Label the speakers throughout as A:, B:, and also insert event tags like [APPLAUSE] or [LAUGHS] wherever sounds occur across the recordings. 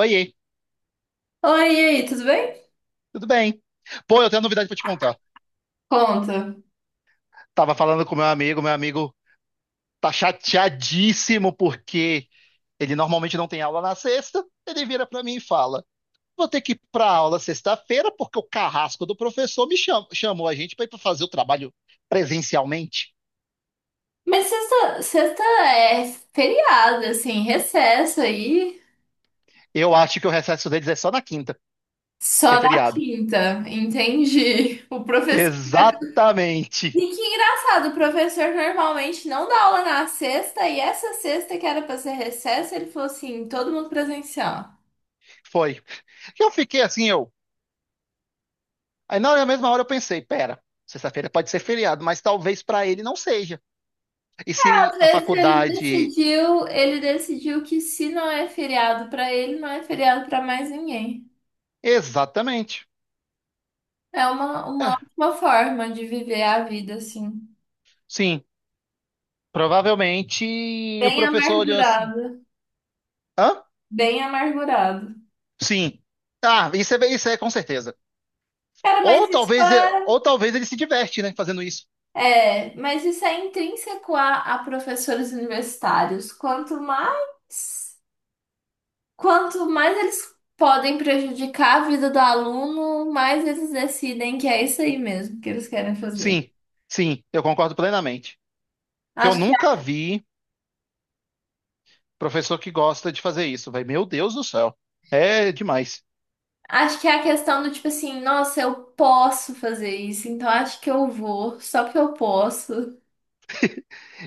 A: Oiê,
B: Oi, e aí, tudo bem?
A: tudo bem? Pô, eu tenho uma novidade pra te contar.
B: Conta.
A: Tava falando com meu amigo tá chateadíssimo porque ele normalmente não tem aula na sexta. Ele vira pra mim e fala: vou ter que ir pra aula sexta-feira porque o carrasco do professor chamou a gente pra ir pra fazer o trabalho presencialmente.
B: Mas sexta é feriado, assim, recesso aí.
A: Eu acho que o recesso deles é só na quinta, que é
B: Só na
A: feriado.
B: quinta, entendi. O professor. E
A: Exatamente.
B: que engraçado, o professor normalmente não dá aula na sexta, e essa sexta que era pra ser recesso, ele falou assim: todo mundo presencial.
A: Foi. Eu fiquei assim, eu. Aí na mesma hora eu pensei: pera, sexta-feira pode ser feriado, mas talvez pra ele não seja. E se
B: Às
A: a
B: vezes ele
A: faculdade.
B: decidiu, ele decidiu que se não é feriado pra ele, não é feriado pra mais ninguém.
A: Exatamente.
B: É uma
A: É,
B: ótima forma de viver a vida, assim.
A: sim. Provavelmente o
B: Bem
A: professor olhou assim.
B: amargurado,
A: Hã?
B: bem amargurado.
A: Sim. Ah, isso é com certeza.
B: Cara, mas
A: Ou
B: isso
A: talvez,
B: é,
A: ou talvez ele se diverte, né, fazendo isso.
B: é, mas isso é intrínseco a professores universitários. Quanto mais eles podem prejudicar a vida do aluno, mais eles decidem que é isso aí mesmo que eles querem fazer.
A: Sim, sim, eu concordo plenamente. Que eu
B: Acho,
A: nunca vi professor que gosta de fazer isso, velho. Meu Deus do céu. É demais.
B: acho que é a questão do tipo assim, nossa, eu posso fazer isso, então acho que eu vou, só porque eu posso.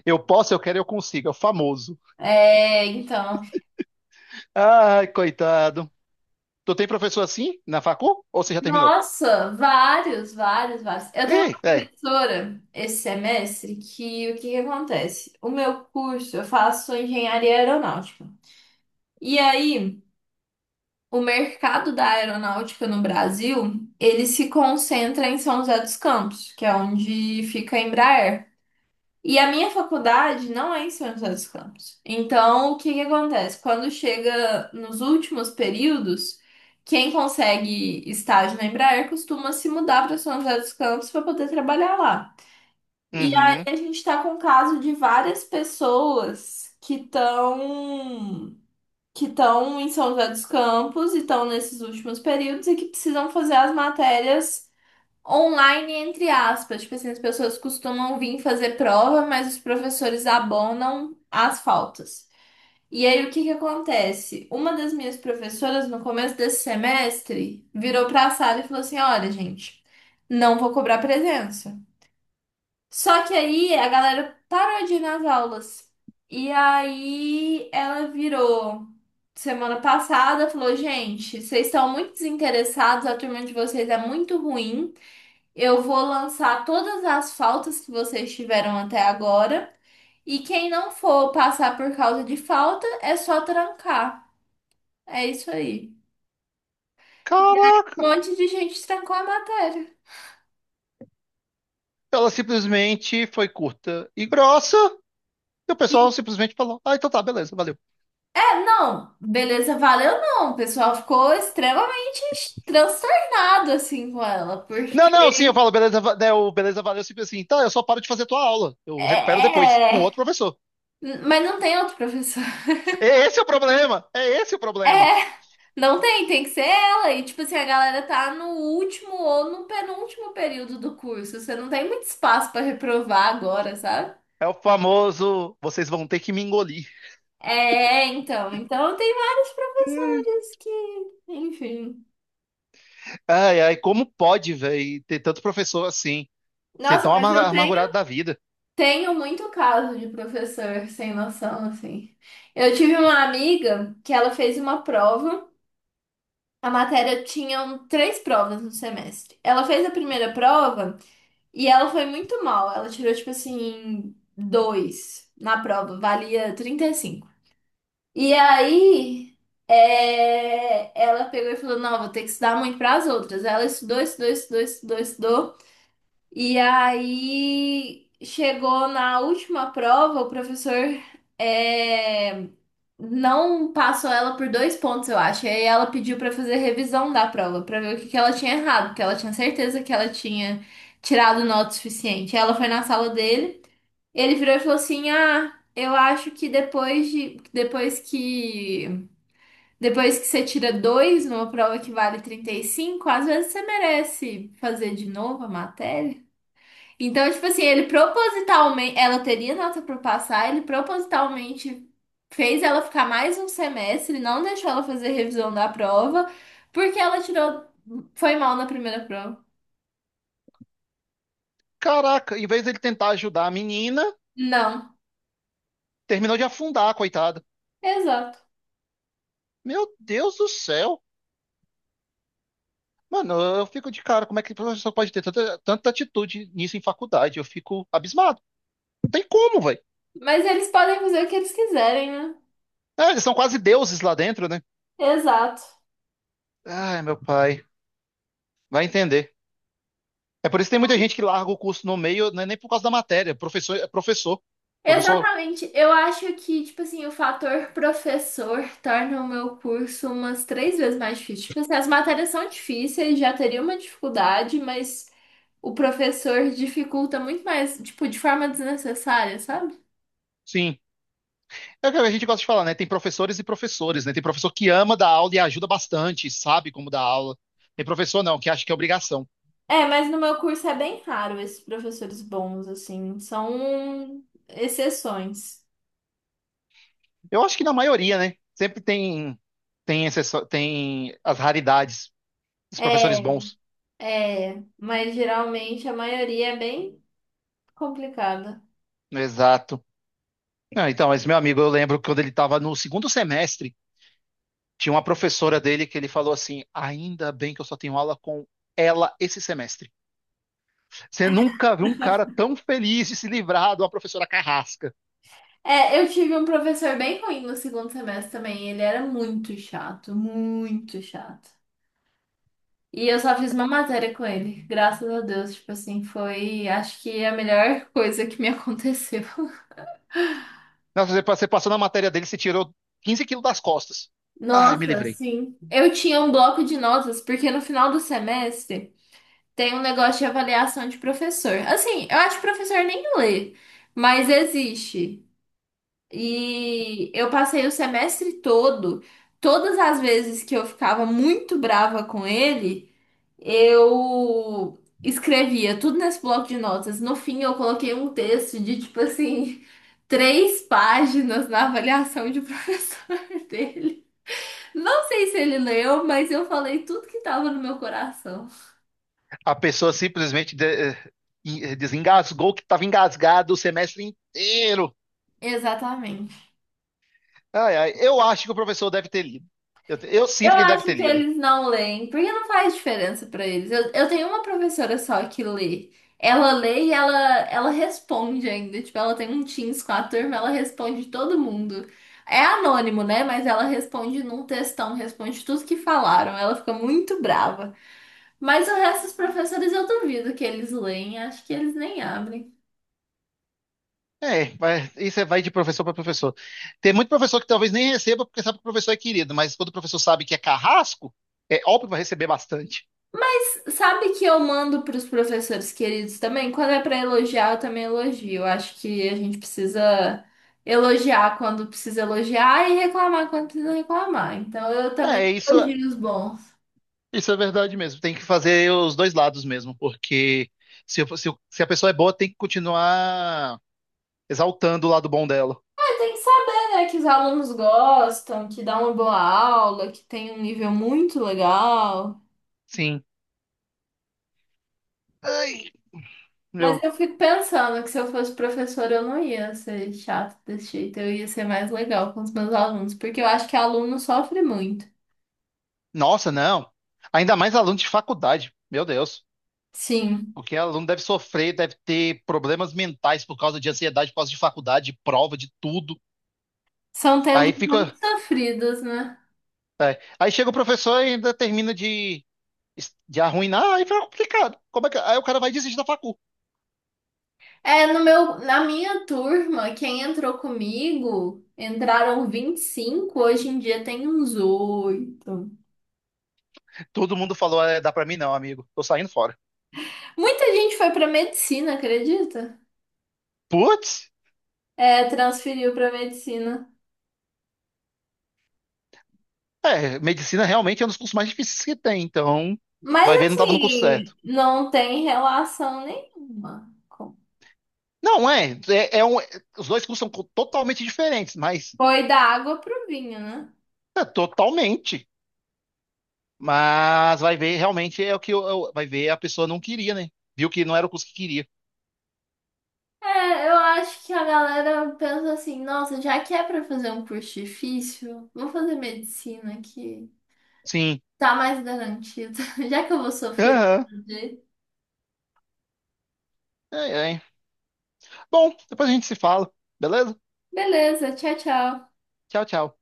A: Eu posso, eu quero, eu consigo. É o famoso.
B: É, então.
A: Ai, coitado. Tu tem professor assim na facu? Ou você já terminou?
B: Nossa, vários, vários, vários. Eu tenho
A: Ih,
B: uma
A: velho.
B: professora esse semestre que o que que acontece? O meu curso, eu faço engenharia aeronáutica. E aí, o mercado da aeronáutica no Brasil, ele se concentra em São José dos Campos, que é onde fica a Embraer. E a minha faculdade não é em São José dos Campos. Então, o que que acontece? Quando chega nos últimos períodos, quem consegue estágio na Embraer costuma se mudar para São José dos Campos para poder trabalhar lá. E aí
A: Uhum.
B: a gente está com o caso de várias pessoas que estão em São José dos Campos e estão nesses últimos períodos e que precisam fazer as matérias online, entre aspas. Tipo assim, as pessoas costumam vir fazer prova, mas os professores abonam as faltas. E aí, o que que acontece? Uma das minhas professoras, no começo desse semestre, virou pra sala e falou assim: Olha, gente, não vou cobrar presença. Só que aí a galera parou de ir nas aulas. E aí ela virou semana passada, falou: Gente, vocês estão muito desinteressados, a turma de vocês é muito ruim. Eu vou lançar todas as faltas que vocês tiveram até agora. E quem não for passar por causa de falta, é só trancar. É isso aí. Um
A: Caraca.
B: monte de gente trancou a matéria.
A: Ela simplesmente foi curta e grossa. E o pessoal simplesmente falou: ah, então tá, beleza, valeu.
B: É, não, beleza, valeu não. O pessoal ficou extremamente transtornado assim com ela, porque
A: Não, não, sim, eu falo, beleza, va- né, o beleza, valeu, sempre assim, tá, eu só paro de fazer tua aula. Eu
B: é,
A: recupero depois, com outro
B: é,
A: professor.
B: mas não tem outro professor. [LAUGHS]
A: É esse é o problema, é esse o problema.
B: É. Não tem, tem que ser ela. E, tipo assim, a galera tá no último ou no penúltimo período do curso. Você não tem muito espaço pra reprovar agora, sabe?
A: É o famoso, vocês vão ter que me engolir.
B: É, então. Então, tem vários professores enfim.
A: Ai, ai, como pode, velho, ter tanto professor assim, ser
B: Nossa,
A: tão amargurado da vida?
B: tenho muito caso de professor sem noção, assim. Eu tive uma amiga que ela fez uma prova. A matéria tinha três provas no semestre. Ela fez a primeira prova. E ela foi muito mal. Ela tirou, tipo assim, dois na prova. Valia 35. E cinco. E aí, ela pegou e falou: Não, vou ter que estudar muito para as outras. Ela estudou. E aí, chegou na última prova, o professor. é, não passou ela por dois pontos, eu acho. E aí ela pediu pra fazer revisão da prova, pra ver o que que ela tinha errado, porque ela tinha certeza que ela tinha tirado nota o suficiente. Ela foi na sala dele, ele virou e falou assim: "Ah, eu acho que depois que você tira dois numa prova que vale 35 às vezes você merece fazer de novo a matéria". Então, tipo assim, ela teria nota pra passar, ele propositalmente fez ela ficar mais um semestre, não deixou ela fazer revisão da prova, porque foi mal na primeira prova.
A: Caraca, em vez dele tentar ajudar a menina,
B: Não,
A: terminou de afundar, coitada.
B: exato.
A: Meu Deus do céu. Mano, eu fico de cara, como é que o professor pode ter tanta atitude nisso em faculdade? Eu fico abismado. Não tem como, velho.
B: Mas eles podem fazer o que eles quiserem, né?
A: É, eles são quase deuses lá dentro, né?
B: Exato.
A: Ai, meu pai. Vai entender. É por isso que tem muita gente que larga o curso no meio, não é nem por causa da matéria. Professor é professor. Professor,
B: Exatamente. Eu acho que, tipo assim, o fator professor torna o meu curso umas três vezes mais difícil. Tipo assim, as matérias são difíceis, já teria uma dificuldade, mas o professor dificulta muito mais, tipo, de forma desnecessária, sabe?
A: sim. É o que a gente gosta de falar, né? Tem professores e professores, né? Tem professor que ama dar aula e ajuda bastante, sabe como dar aula. Tem professor não, que acha que é obrigação.
B: É, mas no meu curso é bem raro esses professores bons, assim, são exceções.
A: Eu acho que na maioria, né? Sempre tem exceção, tem as raridades dos professores
B: É,
A: bons.
B: mas geralmente a maioria é bem complicada.
A: Exato. Não, então, mas meu amigo, eu lembro que quando ele estava no segundo semestre, tinha uma professora dele que ele falou assim: ainda bem que eu só tenho aula com ela esse semestre. Você nunca viu um cara tão feliz de se livrar de uma professora carrasca.
B: É, eu tive um professor bem ruim no segundo semestre também. Ele era muito chato, muito chato. E eu só fiz uma matéria com ele, graças a Deus. Tipo assim, foi, acho que a melhor coisa que me [LAUGHS] aconteceu.
A: Nossa, você passou na matéria dele, você tirou 15 quilos das costas. Ai, me
B: Nossa,
A: livrei.
B: sim. Eu tinha um bloco de notas, porque no final do semestre tem um negócio de avaliação de professor. Assim, eu acho que professor nem lê, mas existe. E eu passei o semestre todo, todas as vezes que eu ficava muito brava com ele, eu escrevia tudo nesse bloco de notas. No fim, eu coloquei um texto de tipo assim, [LAUGHS] três páginas na avaliação de professor [LAUGHS] dele. Não sei se ele leu, mas eu falei tudo que tava no meu coração.
A: A pessoa simplesmente de- eh, em- eh, desengasgou que estava engasgado o semestre inteiro.
B: Exatamente.
A: Ai, ai, eu acho que o professor deve ter lido. Eu
B: Eu
A: sinto que ele deve
B: acho
A: ter
B: que
A: lido.
B: eles não leem, porque não faz diferença pra eles. Eu tenho uma professora só que lê. Ela lê e ela, ela responde ainda. Tipo, ela tem um Teams com a turma, ela responde todo mundo. É anônimo, né? Mas ela responde num textão, responde tudo que falaram. Ela fica muito brava. Mas o resto dos professores eu duvido que eles leem. Acho que eles nem abrem.
A: É, vai de professor para professor. Tem muito professor que talvez nem receba porque sabe que o professor é querido, mas quando o professor sabe que é carrasco, é óbvio que vai receber bastante.
B: Sabe que eu mando para os professores queridos também? Quando é para elogiar, eu também elogio. Eu acho que a gente precisa elogiar quando precisa elogiar e reclamar quando precisa reclamar. Então eu também
A: É, isso,
B: elogio os bons.
A: isso é verdade mesmo. Tem que fazer os dois lados mesmo, porque se a pessoa é boa, tem que continuar exaltando o lado bom dela.
B: Mas tem que saber, né, que os alunos gostam, que dá uma boa aula, que tem um nível muito legal.
A: Sim. Ai,
B: Mas
A: meu,
B: eu fico pensando que se eu fosse professora, eu não ia ser chata desse jeito, eu ia ser mais legal com os meus alunos, porque eu acho que aluno sofre muito.
A: nossa, não. Ainda mais aluno de faculdade, meu Deus.
B: Sim.
A: Porque aluno deve sofrer, deve ter problemas mentais por causa de ansiedade, por causa de faculdade, de prova, de tudo.
B: São tempos
A: Aí
B: muito
A: fica.
B: sofridos, né?
A: Aí chega o professor e ainda termina de arruinar, aí fica complicado. Como é que... Aí o cara vai desistir da facu.
B: É, no meu, na minha turma, quem entrou comigo, entraram 25 hoje em dia tem uns 8.
A: Todo mundo falou, é, dá pra mim não, amigo. Tô saindo fora.
B: Muita gente foi pra medicina, acredita?
A: Putz,
B: É, transferiu pra medicina.
A: é, medicina realmente é um dos cursos mais difíceis que tem, então
B: Mas
A: vai ver, não tava no curso
B: assim,
A: certo.
B: não tem relação nenhuma. Com-
A: Não, é, é, é um... os dois cursos são totalmente diferentes, mas
B: Foi da água pro vinho, né?
A: é, totalmente. Mas vai ver, realmente é o que vai ver, a pessoa não queria, né? Viu que não era o curso que queria.
B: É, eu acho que a galera pensa assim, nossa, já que é pra fazer um curso difícil, vou fazer medicina aqui.
A: Sim.
B: Tá mais garantida. [LAUGHS] Já que eu vou sofrer.
A: Aham.
B: De-
A: É, é. Bom, depois a gente se fala, beleza?
B: Beleza, tchau, tchau.
A: Tchau, tchau.